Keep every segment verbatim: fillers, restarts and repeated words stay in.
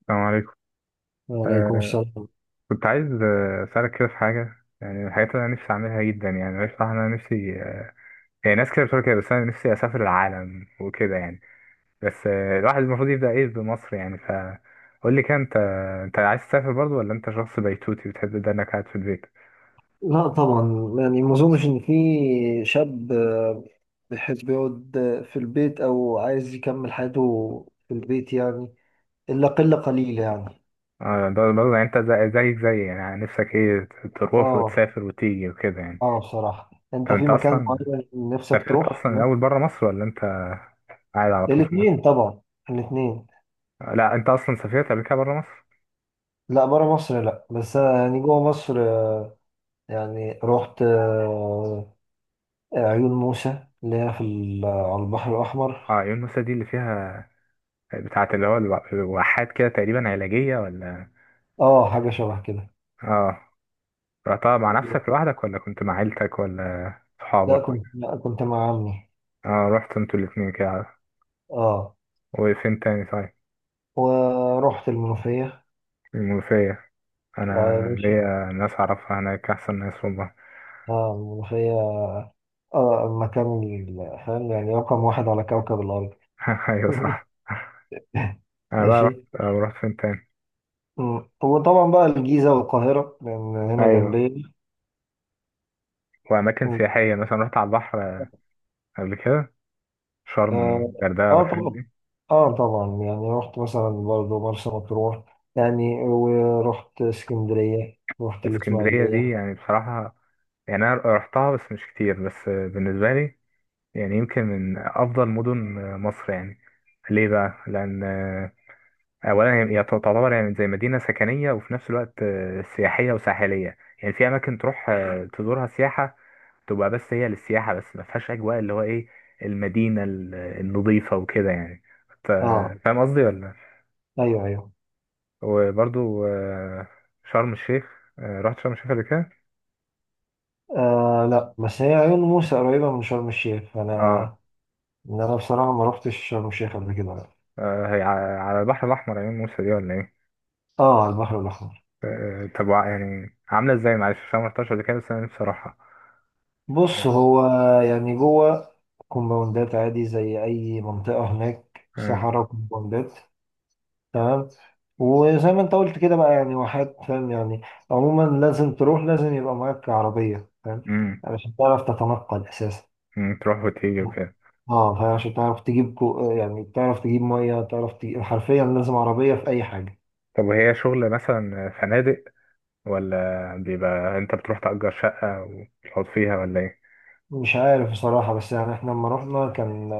السلام عليكم. وعليكم آه السلام. كنت عايز، آه، أسألك كده في حاجة، يعني من الحاجات اللي أنا نفسي أعملها جدا. يعني أنا بصراحة أنا نفسي، آه يعني ناس كده بتقول كده، بس أنا نفسي أسافر العالم وكده يعني. بس آه الواحد المفروض يبدأ إيه بمصر، يعني فقول لي كده، أنت أنت عايز تسافر برضه، ولا أنت شخص بيتوتي بتحب ده إنك قاعد في البيت؟ لا طبعا، يعني ما اظنش ان في شاب، آه، بيحب يقعد، آه، في البيت او عايز يكمل حياته في البيت يعني، الا قله قليله يعني. آه، برضه برضه، يعني أنت زي- زيك زي يعني، نفسك إيه تروح اه وتسافر وتيجي وكده يعني. اه بصراحه انت طب في أنت مكان أصلا معين نفسك سافرت تروح. أصلا الأول بره مصر، ولا أنت قاعد على طول في الاثنين مصر؟ طبعا، الاثنين. لا أنت أصلا سافرت قبل كده بره مصر؟ لا بره مصر لا، بس انا يعني جوه مصر، آه، يعني رحت، آه، عيون موسى اللي هي في ال- على البحر الاحمر. اه، عيون موسى دي اللي فيها بتاعة اللي هو الو- الواحات كده تقريبا، علاجية ولا؟ اه، حاجه شبه كده. اه، رحتها مع نفسك لوحدك، ولا كنت مع عيلتك، ولا لا صحابك كنت، ولا؟ لا كنت مع عمي. اه رحت انتوا الاتنين كده. اه، وفين تاني طيب؟ ورحت المنوفية. المنوفية، انا اه يا باشا. ليا ناس اعرفها هناك، احسن ناس والله. اه، المنوفية. اه، المكان ال- فاهم يعني، رقم واحد على كوكب الأرض. ايوه صح. انا بقى رحت، ماشي. آه، رحت فين تاني؟ مم. وطبعا بقى الجيزة والقاهرة، لأن هنا ايوه، جنبي. واماكن مم. سياحية مثلا رحت على البحر، آه، قبل كده، شرم اه. والغردقة آه والحاجات طبعا. دي. اه طبعا، يعني رحت مثلا برضه مرسى مطروح، يعني ورحت اسكندرية، رحت اسكندرية دي الإسماعيلية. يعني بصراحة، يعني انا رحتها بس مش كتير، بس آه، بالنسبه لي يعني يمكن من أفضل مدن مصر يعني. ليه بقى؟ لأن، آه، أولا هي هي تعتبر يعني زي مدينة سكنية، وفي نفس الوقت آه، سياحية وساحلية، يعني في أماكن تروح آه، تزورها سياحة، تبقى بس هي للسياحة بس، ما فيهاش أجواء اللي هو إيه، المدينة ال- النظيفة وكده يعني. ف- اه. فاهم قصدي ولا؟ أيوه أيوه. وبرضو، آه، شرم الشيخ، آه، رحت شرم الشيخ قبل كده؟ آه لا، بس هي عيون موسى قريبة من شرم الشيخ فأنا، اه. إن انا بصراحه ما روحتش شرم الشيخ قبل كده. آه، هي ع- على البحر الأحمر عيون موسى دي، ولا إيه؟ اه، على البحر الاحمر. آه، طب وع- يعني عاملة ازاي؟ معلش عشان ما رحتهاش قبل كده، بس انا نفسي اروحها بص يعني. هو، يعني جوه، كومباوندات عادي زي اي منطقه هناك، آه، صحراء، كومباوندات. تمام. وزي ما انت قلت كده بقى يعني واحات، فاهم يعني. عموما لازم تروح، لازم يبقى معاك عربيه، فاهم. مم، علشان تعرف تتنقل اساسا. مم، تروح وتيجي وكده. اه فاهم، عشان تعرف تجيب كو... يعني تعرف تجيب ميه، تعرف تجيب حرفيا لازم عربيه في اي حاجه. طب وهي شغل مثلا فنادق، ولا بيبقى انت بتروح تأجر شقة وتقعد فيها، ولا ايه؟ مش عارف بصراحة، بس يعني احنا لما رحنا كان،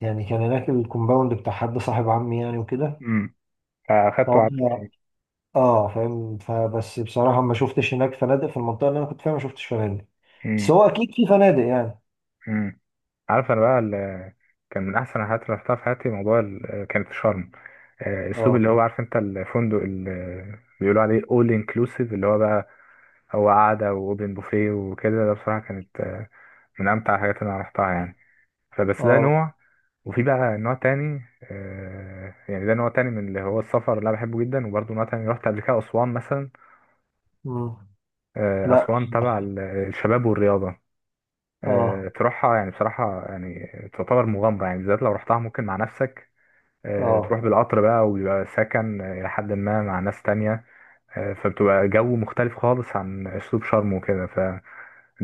يعني كان هناك الكومباوند بتاع حد صاحب عمي يعني وكده. مم. فأخدت وقعدت فهم. فيه. اه فاهم، فبس بصراحة ما شفتش هناك فنادق في المنطقة اللي انا كنت فيها، ما شفتش فنادق. بس مم، هو اكيد في فنادق يعني. مم. عارف انا بقى ال- كان من احسن الحاجات اللي رحتها في حياتي موضوع ال- كانت شرم، آه، اسلوب اللي اه. هو عارف انت، الفندق اللي بيقولوا عليه all inclusive، اللي هو بقى هو قعدة واوبن بوفيه وكده، ده بصراحة كانت آه، من امتع الحاجات اللي انا رحتها يعني. فبس ده اه. نوع. وفي بقى نوع تاني، آه، يعني ده نوع تاني من اللي هو السفر اللي انا بحبه جدا. وبرضه نوع تاني رحت قبل كده اسوان مثلا. مم. آه، لا. اسوان تبع ال- الشباب والرياضة. اه. آه، تروحها يعني بصراحة يعني تعتبر مغامرة، يعني بالذات لو رحتها ممكن مع نفسك، آه، تروح اه. بالقطر بقى، وبيبقى سكن آه، إلى حد ما مع ناس تانية. آه، فبتبقى جو مختلف خالص عن أسلوب شرم وكده. فدي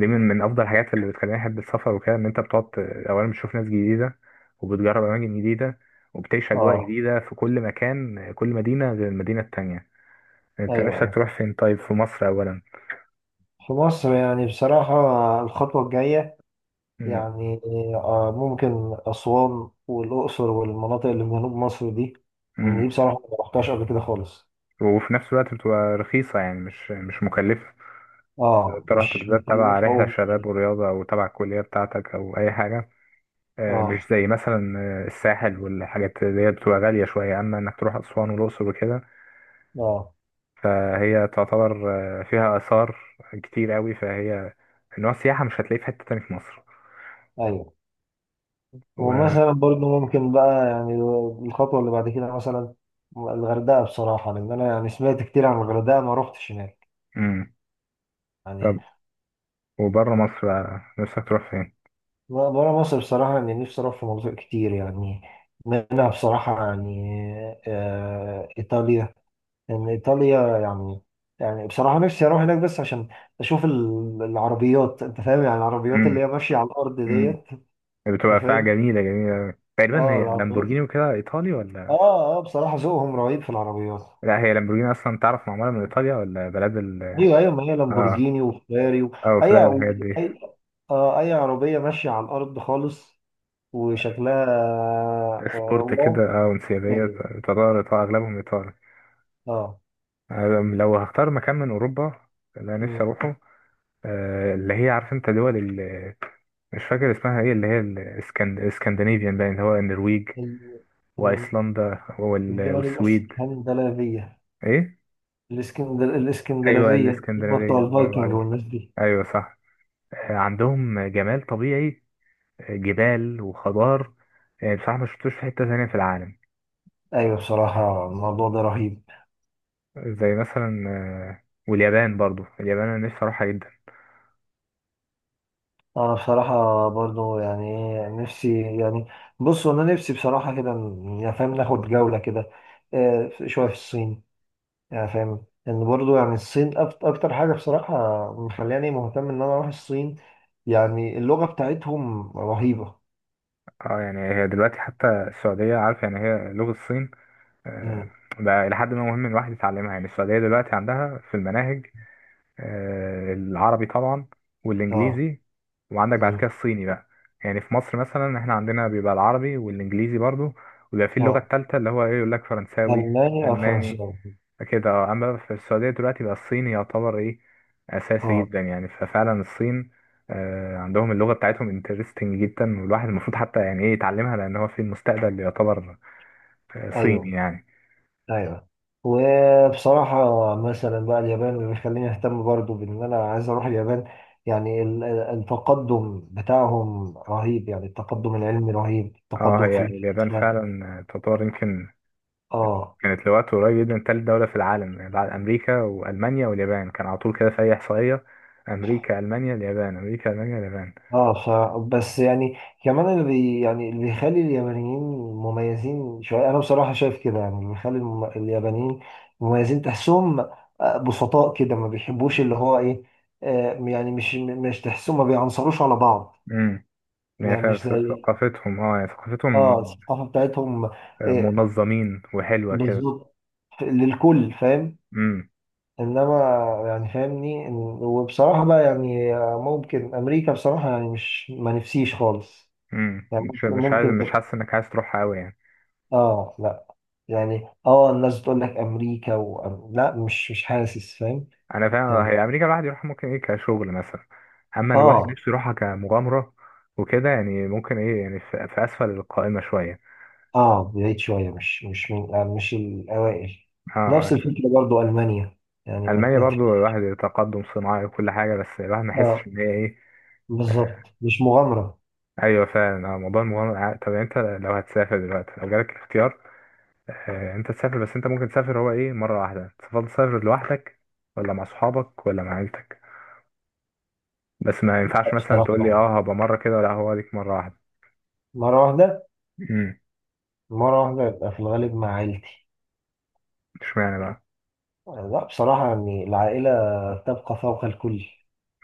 من من أفضل الحاجات اللي بتخليني أحب السفر وكده، إن أنت بتقعد ت- أولا بتشوف ناس جديدة، وبتجرب أماكن جديدة، وبتعيش أجواء اه. جديدة في كل مكان. آه، كل مدينة غير المدينة التانية. أنت ايوه نفسك ايوه. تروح فين طيب، في مصر أولا؟ في مصر يعني بصراحة، الخطوة الجاية، مم. يعني آه ممكن أسوان والأقصر، والمناطق اللي في جنوب مصر دي. لأن دي مم. بصراحة ما رحتهاش قبل كده خالص. وفي نفس الوقت بتبقى رخيصة يعني، مش مش مكلفة. لو اه، انت رحت مش بالذات تبع مكلفة رحلة أوي. شباب ورياضة، أو تبع الكلية بتاعتك، أو أي حاجة، آه، مش اه. زي مثلا آه، الساحل والحاجات اللي هي بتبقى غالية شوية، أما إنك تروح أسوان والأقصر وكده. اه. فهي تعتبر آه، فيها آثار كتير قوي، فهي نوع السياحة مش هتلاقيه في حتة تاني في مصر. ايوه. و... ومثلا برضو ممكن بقى يعني، الخطوه اللي بعد كده مثلا الغردقه، بصراحه لان انا يعني سمعت كتير عن الغردقه، ما روحتش هناك مم. يعني. طب وبره مصر بقى نفسك تروح فين؟ بره مصر بصراحه اني نفسي اروح في مناطق كتير يعني، منها بصراحه يعني آه ايطاليا. لان ايطاليا يعني يعني بصراحه نفسي اروح هناك، بس عشان اشوف ال- العربيات، انت فاهم يعني العربيات اللي مم. هي ماشيه على الارض مم. ديت. بتبقى انت فيها فاهم، جميلة جميلة، تقريبا اه هي العربيات. لامبورجيني وكده، إيطالي ولا؟ اه اه، بصراحه ذوقهم رهيب في العربيات. لا هي لامبورجيني أصلا تعرف معمولة من إيطاليا، ولا بلاد ال... ايوه ايوه، ما هي آه، لامبورجيني وفيراري و... او اي فلان الحاجات دي، اي، آه اي عربيه ماشيه على الارض خالص، وشكلها آه، سبورت واو. كده او انسيابية، غالية. ايطالي ايطالي، اغلبهم ايطالي. اه. أنا لو هختار مكان من اوروبا اللي انا م- نفسي اروحه، آه، اللي هي عارف انت دول ال- مش فاكر اسمها ايه، اللي هي الاسكندنافيان باين، اللي هو النرويج ال- م- وايسلندا وال- الدول والسويد. الاسكندنافيه. ايه الاسكندر ايوه، الاسكندنافيه هم بتوع الاسكندنافيه، برافو الفايكنج عليك، والناس دي. ايوه صح. آه، عندهم جمال طبيعي، آه، جبال وخضار، آه، بصراحه ما شفتوش في حته ثانيه في العالم. ايوه، بصراحه الموضوع ده رهيب. زي مثلا آه، واليابان، برضو اليابان انا نفسي اروحها جدا. انا بصراحه برضو يعني، إيه، نفسي يعني، بصوا انا نفسي بصراحه كده، ن- يعني فاهم، ناخد جوله كده، آه، شويه في الصين. يعني فاهم ان برضو يعني الصين أك- اكتر حاجه بصراحه مخلاني مهتم ان انا اروح الصين. يعني اللغه بتاعتهم رهيبه. اه يعني هي دلوقتي حتى السعودية عارف، يعني هي لغة الصين، آه، مم. بقى إلى حد ما مهم الواحد يتعلمها. يعني السعودية دلوقتي عندها في المناهج، آه، العربي طبعا اه. والانجليزي، وعندك بعد كده مم. الصيني بقى. يعني في مصر مثلا احنا عندنا بيبقى العربي والانجليزي برضو، وبيبقى في اللغة اه. التالتة، اللي هو ايه، يقول لك فرنساوي، المانيا الماني فرنساوي. كده. آه، اما في السعودية دلوقتي بقى الصيني يعتبر ايه، اساسي جدا اه. يعني. ففعلا الصين آه، عندهم اللغة بتاعتهم انترستنج جدا، والواحد المفروض حتى يعني ايه يتعلمها، لان هو في المستقبل يعتبر آه، صيني ايوه يعني. ايوه. وبصراحه مثلا بقى اليابان اللي بيخليني اهتم برضو بان انا عايز اروح اليابان. يعني ال- ال- التقدم بتاعهم رهيب، يعني التقدم العلمي رهيب، اه التقدم في هي ال-. اليابان فعلا آه، تعتبر يمكن اه كانت لوقت قريب جدا تالت دولة في العالم. يعني بعد أمريكا وألمانيا واليابان كان على طول كده في أي إحصائية، أمريكا ألمانيا اليابان، أمريكا ألمانيا اليابان. اه، ف... بس يعني كمان اللي بي... يعني اللي بيخلي اليابانيين مميزين شويه، انا بصراحه شايف كده، يعني اللي بيخلي الم... اليابانيين مميزين، تحسهم آه، بسطاء كده، ما بيحبوش اللي هو ايه، آه، يعني مش مش تحسهم ما بيعنصروش على بعض. امم. يعني يعني ف- مش ف- زي، ثقافتهم اه يعني ثقافتهم اه الثقافه بتاعتهم، آه، آه، منظمين وحلوة كده. بالظبط للكل، فاهم. امم. انما يعني فاهمني إن- وبصراحه بقى يعني آه، ممكن امريكا بصراحه، يعني مش ما نفسيش خالص. امم، يعني مش ممكن، مش عايز، مش ممكن حاسس إنك عايز تروحها أوي يعني؟ اه لا، يعني اه الناس بتقول لك امريكا و... لا، مش مش حاسس، فاهم. أنا فاهم، يعني هي أمريكا الواحد يروحها ممكن إيه كشغل مثلا، أما الواحد اه نفسه يروحها كمغامرة وكده يعني، ممكن إيه يعني في في أسفل القائمة شوية. اه بعيد شويه، مش مش من يعني، مش الاوائل. اه آه. نفس الفكره برضو المانيا، يعني ما ألمانيا تنت- برضو الواحد، تقدم صناعي وكل حاجة، بس الواحد ما يحسش اه إن هي إيه. آه، بالظبط، مش مغامره. أيوة فعلا، آه، موضوع المغامرة ع- طب يعني أنت لو هتسافر دلوقتي، لو جالك الاختيار، آه، أنت تسافر بس، أنت ممكن تسافر هو إيه مرة واحدة، تفضل تسافر لوحدك، ولا مع أصحابك، ولا مع عيلتك؟ بس ما ينفعش مثلا لا تقول لي بصراحه، أه، هبقى مرة كده، ولا هو ليك مرة واحدة. مره واحده. أمم. مره واحده يبقى في الغالب مع عيلتي. إشمعنى بقى؟ لا بصراحه يعني، العائله تبقى فوق الكل.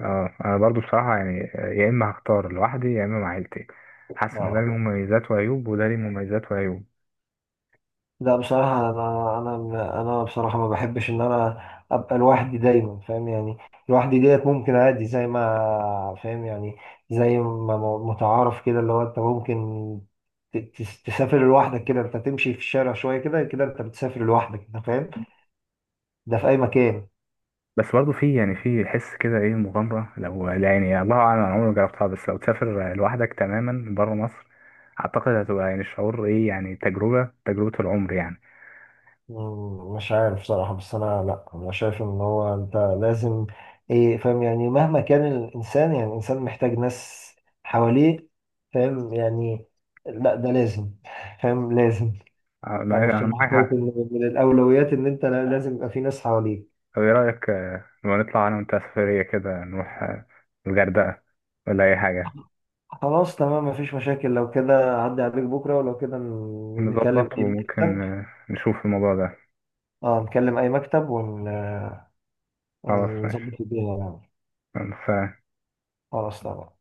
أه، أنا برضو بصراحة يعني آه، يا إما هختار لوحدي، يا إما مع عيلتي. حاسس إن ده ليه اه. مميزات وعيوب، وده ليه مميزات وعيوب. لا بصراحة، أنا أنا أنا بصراحة ما بحبش إن أنا أبقى لوحدي دايما، فاهم يعني. لوحدي ديت ممكن عادي، زي ما فاهم يعني، زي ما م- متعارف كده اللي هو أنت ممكن ت- تس- تسافر لوحدك، كده أنت تمشي في الشارع شوية، كده كده أنت بتسافر لوحدك، أنت فاهم، ده في أي مكان. بس برضه في يعني في حس كده ايه مغامرة، لو يعني الله اعلم، انا عمري ما جربتها، بس لو تسافر لوحدك تماما بره مصر، اعتقد هتبقى يعني شعور ايه، يعني تجربة، تجربة العمر يعني. مم، مش عارف صراحة، بس أنا لأ، أنا شايف إن هو أنت لازم إيه، فاهم يعني، مهما كان الإنسان، يعني الإنسان محتاج ناس حواليه. فاهم يعني. لأ، ده لازم. فاهم، لازم. انا أنا أنا بصراحة معاك شايف حق. إن من الأولويات إن أنت لازم يبقى في ناس حواليك. طب ايه رأيك آه، لما نطلع انا وانت سفرية كده، نروح آه، الغردقة، ولا اي حاجة. خلاص تمام، مفيش مشاكل، لو كده عدي عليك بكرة، ولو كده ن- نكلم نظبط، أي وممكن مكتب. آه، نشوف الموضوع ده. أه نكلم أي مكتب، ون- خلاص ماشي. ونظبط الدنيا يعني. بس خلاص تمام.